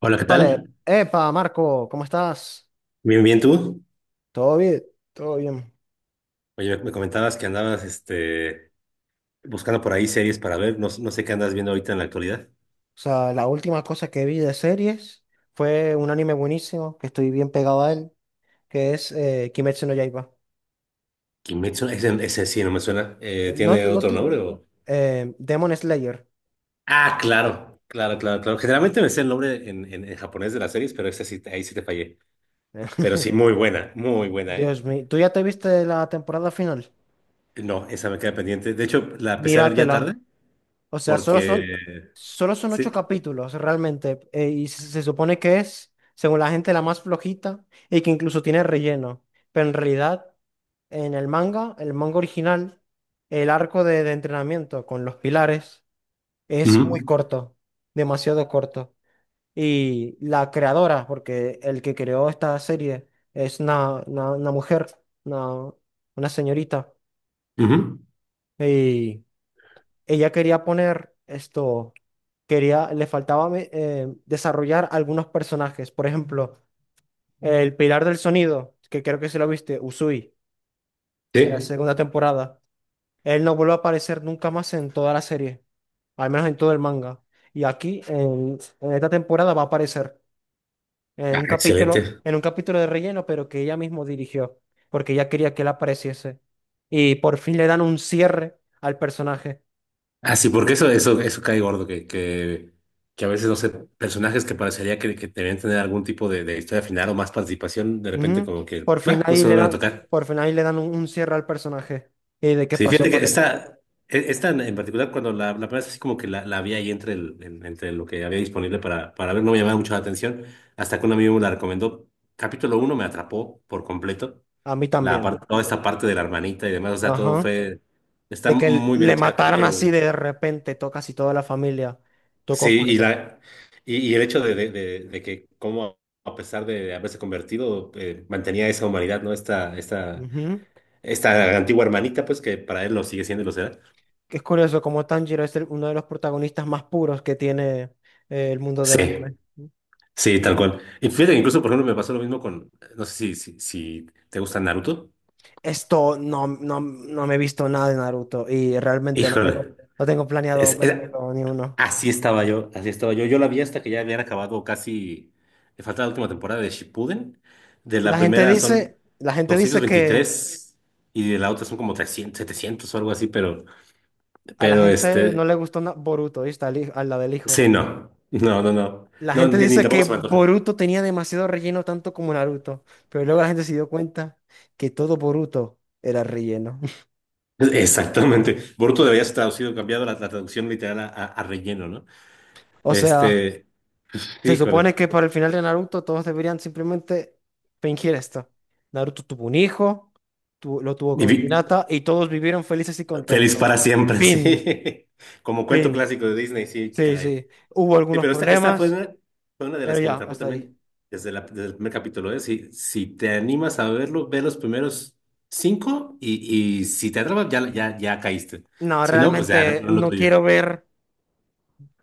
Hola, ¿qué Vale, tal? epa, Marco, ¿cómo estás? Bien, bien, ¿tú? ¿Todo bien? Todo bien. Oye, me comentabas que andabas buscando por ahí series para ver. No sé qué andas viendo ahorita en la actualidad. O sea, la última cosa que vi de series fue un anime buenísimo, que estoy bien pegado a él, que es Kimetsu no Yaiba. Kimetsu, ese sí no me suena. No, ¿Tiene no otro te- nombre o...? Demon Slayer. Ah, claro, claro, claro, claro. Generalmente me sé el nombre en japonés de las series, pero esa sí, ahí sí te fallé. Pero sí, muy buena, ¿eh? Dios mío, ¿tú ya te viste la temporada final? No, esa me queda pendiente. De hecho, la empecé a ver ya tarde Míratela. O sea, solo son, porque... solo son ocho Sí. capítulos realmente. Y se supone que es, según la gente, la más flojita y que incluso tiene relleno. Pero en realidad, en el manga original, el arco de entrenamiento con los pilares es muy Ujú, corto, demasiado corto. Y la creadora, porque el que creó esta serie es una mujer, una, una señorita. ujú, Y ella quería poner esto. Quería desarrollar algunos personajes. Por ejemplo, el Pilar del Sonido, que creo que se lo viste, Usui, en la Sí. segunda temporada. Él no vuelve a aparecer nunca más en toda la serie, al menos en todo el manga. Y aquí, en esta temporada, va a aparecer Ah, excelente. en un capítulo de relleno, pero que ella mismo dirigió, porque ella quería que él apareciese. Y por fin le dan un cierre al personaje. Ah, sí, porque eso cae gordo, que a veces, no sé, personajes que parecería que debían tener algún tipo de historia final o más participación, de repente Ujú. como que, bah, no se vuelven a tocar. Por fin ahí le dan un cierre al personaje. ¿Y de qué Sí, pasó fíjate que con él? esta en particular, cuando la primera vez así como que la vi ahí entre, entre lo que había disponible para ver, no me llamaba mucho la atención, hasta que un amigo me la recomendó. Capítulo uno me atrapó por completo, A mí la también. parte, toda esta parte de la hermanita y demás, o sea, todo Ajá. fue, está De que muy bien le hecha, el mataran capítulo uno. así de repente, tocó casi toda la familia. Sí, Tocó y, fuerte. la, y, y el hecho de que como a pesar de haberse convertido, mantenía esa humanidad, ¿no? Esta, esta, Ujú. esta antigua hermanita, pues que para él lo sigue siendo y lo será. Que es curioso como Tanjiro es uno de los protagonistas más puros que tiene el mundo del Sí, anime. sí, tal cual. Y fíjate, que incluso, por ejemplo, me pasó lo mismo con, no sé si te gusta Naruto. Esto no me he visto nada de Naruto y realmente no tengo, Híjole, no tengo planeado es, era- vérmelo ni uno. así estaba yo, así estaba yo. Yo la vi hasta que ya habían acabado casi, le faltaba la última temporada de Shippuden. De la primera son La gente doscientos dice que veintitrés y de la otra son como 300 700 o algo así, a la pero gente este, no le gustó Boruto, ¿viste? A la del hijo. sí, no, no, no, no, La no, gente ni dice tampoco que se me antoja. Boruto tenía demasiado relleno, tanto como Naruto. Pero luego la gente se dio cuenta que todo Boruto era relleno. Exactamente. Boruto debería ser traducido, cambiado la traducción literal a, a relleno, ¿no? O sea, Este, se supone híjole. que para el final de Naruto todos deberían simplemente fingir esto. Naruto tuvo un hijo, lo tuvo Y con vi- Hinata y todos vivieron felices y Feliz contentos. para siempre, Fin, sí. Como cuento fin. clásico de Disney, sí, Sí, caray. sí. Hubo Sí, algunos pero esta problemas, fue una de pero las que me ya, atrapó hasta ahí. también desde, desde el primer capítulo, ¿eh? Si te animas a verlo, ve los primeros cinco y si te atrapas, ya, ya, ya caíste. No, Si no, pues ya no, realmente no es lo no tuyo. quiero ver.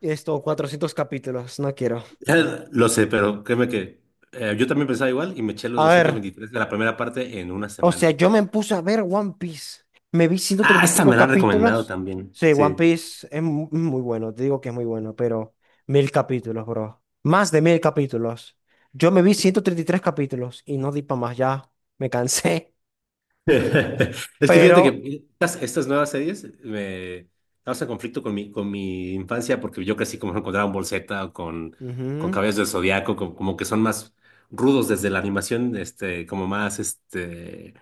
Esto, 400 capítulos, no quiero. Ya lo sé, pero créeme que yo también pensaba igual y me eché los A ver, 223 de la primera parte en una o sea, semana. yo me puse a ver One Piece. Me vi ciento Ah, treinta y esta cinco me la han recomendado capítulos. también. Sí, One Sí. Piece es muy bueno, te digo que es muy bueno, pero mil capítulos, bro. Más de mil capítulos. Yo me vi 133 capítulos y no di para más, ya me cansé. Es que fíjate Pero... que estas nuevas series me causan conflicto con con mi infancia porque yo crecí como con Dragon Ball Z o con ujú, Caballeros del Zodiaco, como, como que son más rudos desde la animación, este, como más este,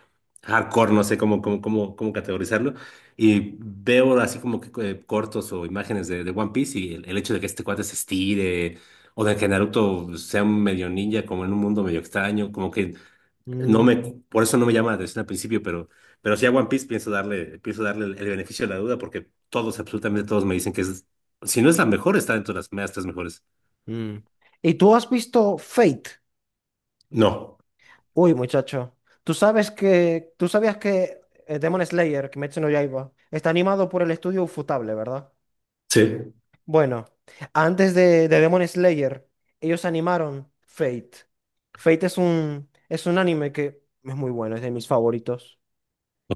hardcore, no sé cómo categorizarlo. Y veo así como que cortos o imágenes de One Piece y el hecho de que este cuate se estire o de que Naruto sea un medio ninja como en un mundo medio extraño, como que no mm, me, por eso no me llama la atención al principio, pero sí a One Piece pienso darle el beneficio de la duda porque todos, absolutamente todos me dicen que es, si no es la mejor, está dentro de las primeras tres mejores. mm. ¿Y tú has visto Fate? No, Uy, muchacho, tú sabías que Demon Slayer, Kimetsu no Yaiba, está animado por el estudio Ufotable, ¿verdad? sí, Bueno, antes de Demon Slayer, ellos animaron Fate. Fate es un anime que es muy bueno, es de mis favoritos.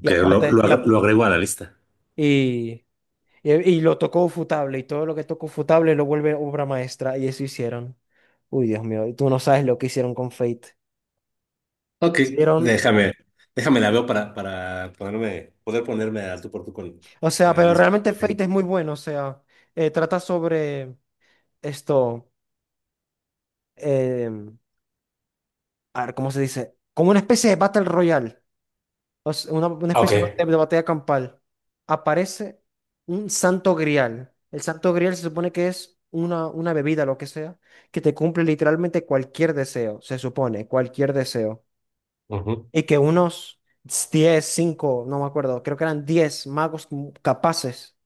Y aparte, y, ap- lo agrego a la lista. y, y- Y lo tocó Ufotable, y todo lo que tocó Ufotable lo vuelve obra maestra, y eso hicieron. Uy, Dios mío, tú no sabes lo que hicieron con Fate. Ok, Hicieron... déjame, déjame la veo para ponerme, poder ponerme al tú por tú con O sea, la pero realmente disculpa. Fate es muy bueno, o sea, trata sobre esto, eh, a ver, ¿cómo se dice? Como una especie de Battle Royale, o sea, una Ah, ok. especie de batalla campal. Aparece un santo grial. El santo grial se supone que es una bebida, lo que sea, que te cumple literalmente cualquier deseo, se supone, cualquier deseo. Ujú, Y que unos 10 5, no me acuerdo, creo que eran 10 magos capaces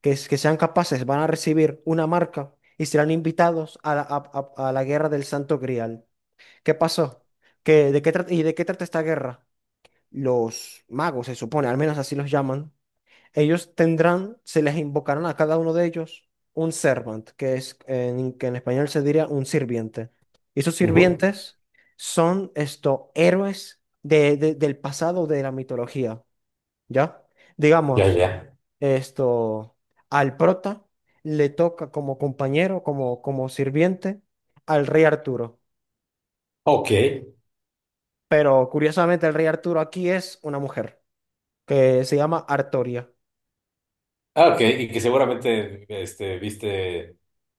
que sean capaces, van a recibir una marca y serán invitados a a la guerra del Santo Grial. ¿Qué pasó? ¿Qué, de qué trata, ¿Y de qué trata esta guerra? Los magos, se supone, al menos así los llaman, ellos tendrán, se les invocarán a cada uno de ellos un servant, que en español se diría un sirviente. Y esos ujú. sirvientes son estos héroes del pasado de la mitología, ¿ya? Ya, Digamos. ya. Esto, al prota le toca como compañero, como sirviente, al rey Arturo. Ok. Pero curiosamente el rey Arturo aquí es una mujer que se llama Artoria. Ah, ok. Y que seguramente este, viste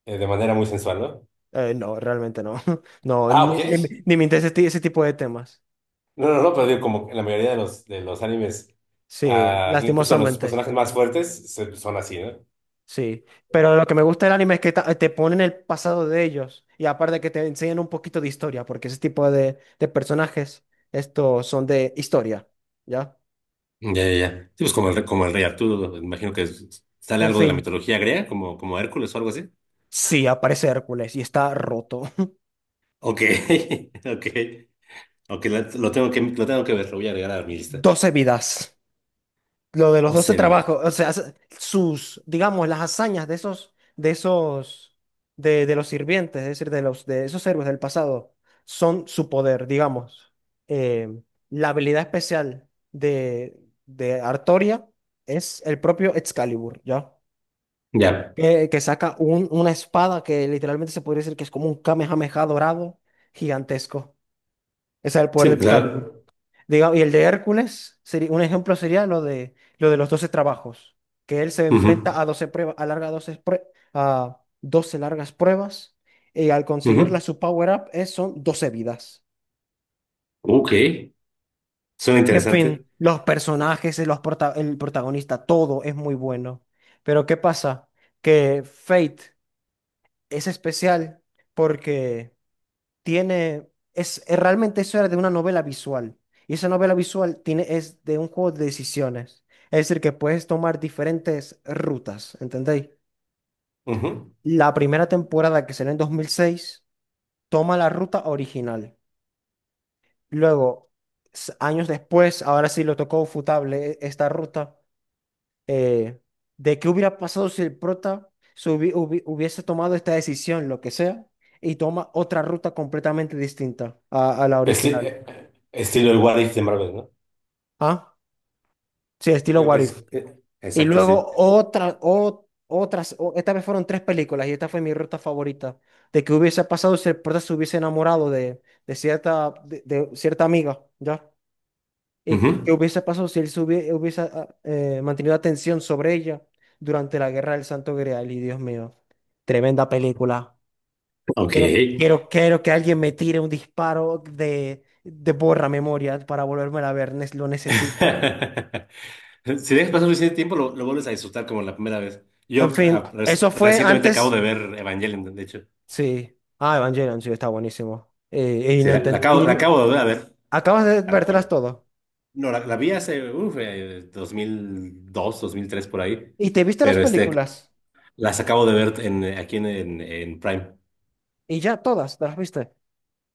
de manera muy sensual, ¿no? No, realmente no. No, Ah, ni, ok. ni, me ni me interesa ese tipo de temas. No, no, no, pero digo, como en la mayoría de los animes, Sí, ah, incluso los lastimosamente. personajes más fuertes son así, ¿no? Sí. Pero lo que me gusta del anime es que te ponen el pasado de ellos. Y aparte que te enseñan un poquito de historia, porque ese tipo de personajes, estos son de historia. ¿Ya? Ya, ya, ya. Sí, pues como como el rey Arturo, imagino que sale En algo de la fin. mitología griega, como, como Hércules o algo así. Sí, aparece Hércules y está roto. Ok, ok, ok, lo tengo que ver, lo voy a agregar a mi lista. Doce vidas. Lo de los 12 Osebias. trabajos, o sea, sus, digamos, las hazañas de esos, de los sirvientes, es decir, de los, de esos héroes del pasado, son su poder, digamos. Eh, la habilidad especial de Artoria es el propio Excalibur, ¿ya? Ya, Que saca una espada que literalmente se podría decir que es como un Kamehameha dorado gigantesco. Ese es el poder de sí, Excalibur. claro. Digamos, y el de Hércules, sería, un ejemplo sería lo de los doce trabajos, que él se Ujú, enfrenta a 12 pruebas, a 12 largas pruebas, y al conseguirla ujú. su power-up son 12 vidas. Ok, suena Y en interesante. fin, los personajes, el protagonista, todo es muy bueno. Pero ¿qué pasa? Que Fate es especial porque tiene, realmente eso era de una novela visual. Y esa novela visual tiene, es de un juego de decisiones. Es decir, que puedes tomar diferentes rutas, ¿entendéis? Ujú. La primera temporada, que será en dos mil seis, toma la ruta original. Luego, años después, ahora sí lo tocó Futable esta ruta, eh, de qué hubiera pasado si el prota hubiese tomado esta decisión, lo que sea, y toma otra ruta completamente distinta a la original. Estilo el What If de Marvel, ¿no? ¿Ah? Sí, estilo Digo que What If. es, eh, Y exacto, sí. luego otra, o- otras, o- esta vez fueron tres películas y esta fue mi ruta favorita. De que hubiese pasado si el prota se hubiese enamorado de cierta, de cierta amiga, ¿ya? Y qué Ujú. hubiese pasado si él hubiese, mantenido atención sobre ella durante la Guerra del Santo Grial. Y Dios mío, tremenda película. Ok. Quiero que alguien me tire un disparo de borra memoria para volverme a ver, lo necesito. Si dejas pasar suficiente tiempo, lo vuelves a disfrutar como la primera vez. En fin, eso fue Recientemente acabo antes. de ver Evangelion, de hecho. Sí. Ah, Evangelion, sí, está buenísimo. Y Sí, no la, la enten- acabo, la y acabo de volver a ver, acabas de tal vértelas cual. todo. No, la vi hace, 2002, 2003, por ahí. Y te viste las Pero este, películas. las acabo de ver en, aquí en Prime. Y ya todas, te las viste.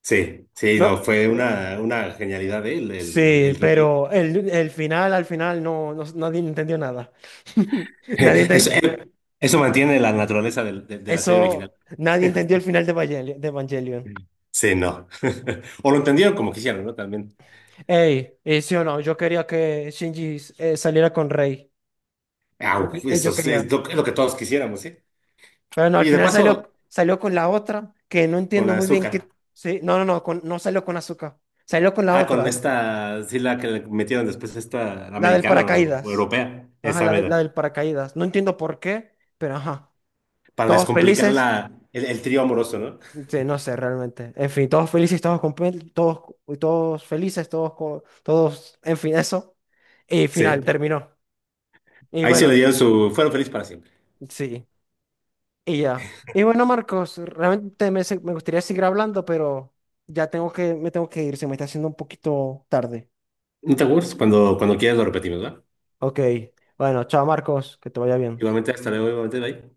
Sí, sí, no, No. fue una genialidad, Sí, el remake. pero el final, al final, nadie entendió nada. Nadie Eso, enten- eh, Eso mantiene la naturaleza de la serie Eso, original. nadie entendió el final de Evangelion. De Evangelion. Sí, no. O lo entendieron como quisieron, ¿no? También. Sí o no, yo quería que Shinji saliera con Rey. Au, eso Yo es, quería. es lo, que es lo que todos quisiéramos, ¿sí? Pero no, al Y de final paso, salió, salió con la otra, que no con entiendo muy bien qué. azúcar. Sí, no salió con azúcar. Salió con la Ah, con otra, esta, sí, la que le metieron después, esta la del americana o paracaídas. europea, Ajá, esa la mera. del paracaídas. No entiendo por qué, pero ajá. Para Todos descomplicar felices. el trío amoroso, ¿no? Sí, no sé realmente. En fin, todos felices, todos felices, en fin, eso. Y final Sí. terminó. Y Ahí se le bueno, dieron su. Fueron felices para siempre. sí. Y ya. Y bueno, Marcos, realmente me gustaría seguir hablando, pero me tengo que ir, se me está haciendo un poquito tarde. No te aburres, cuando quieras lo repetimos, ¿va? Ok. Bueno, chao, Marcos, que te vaya bien. Igualmente, hasta luego, igualmente, bye.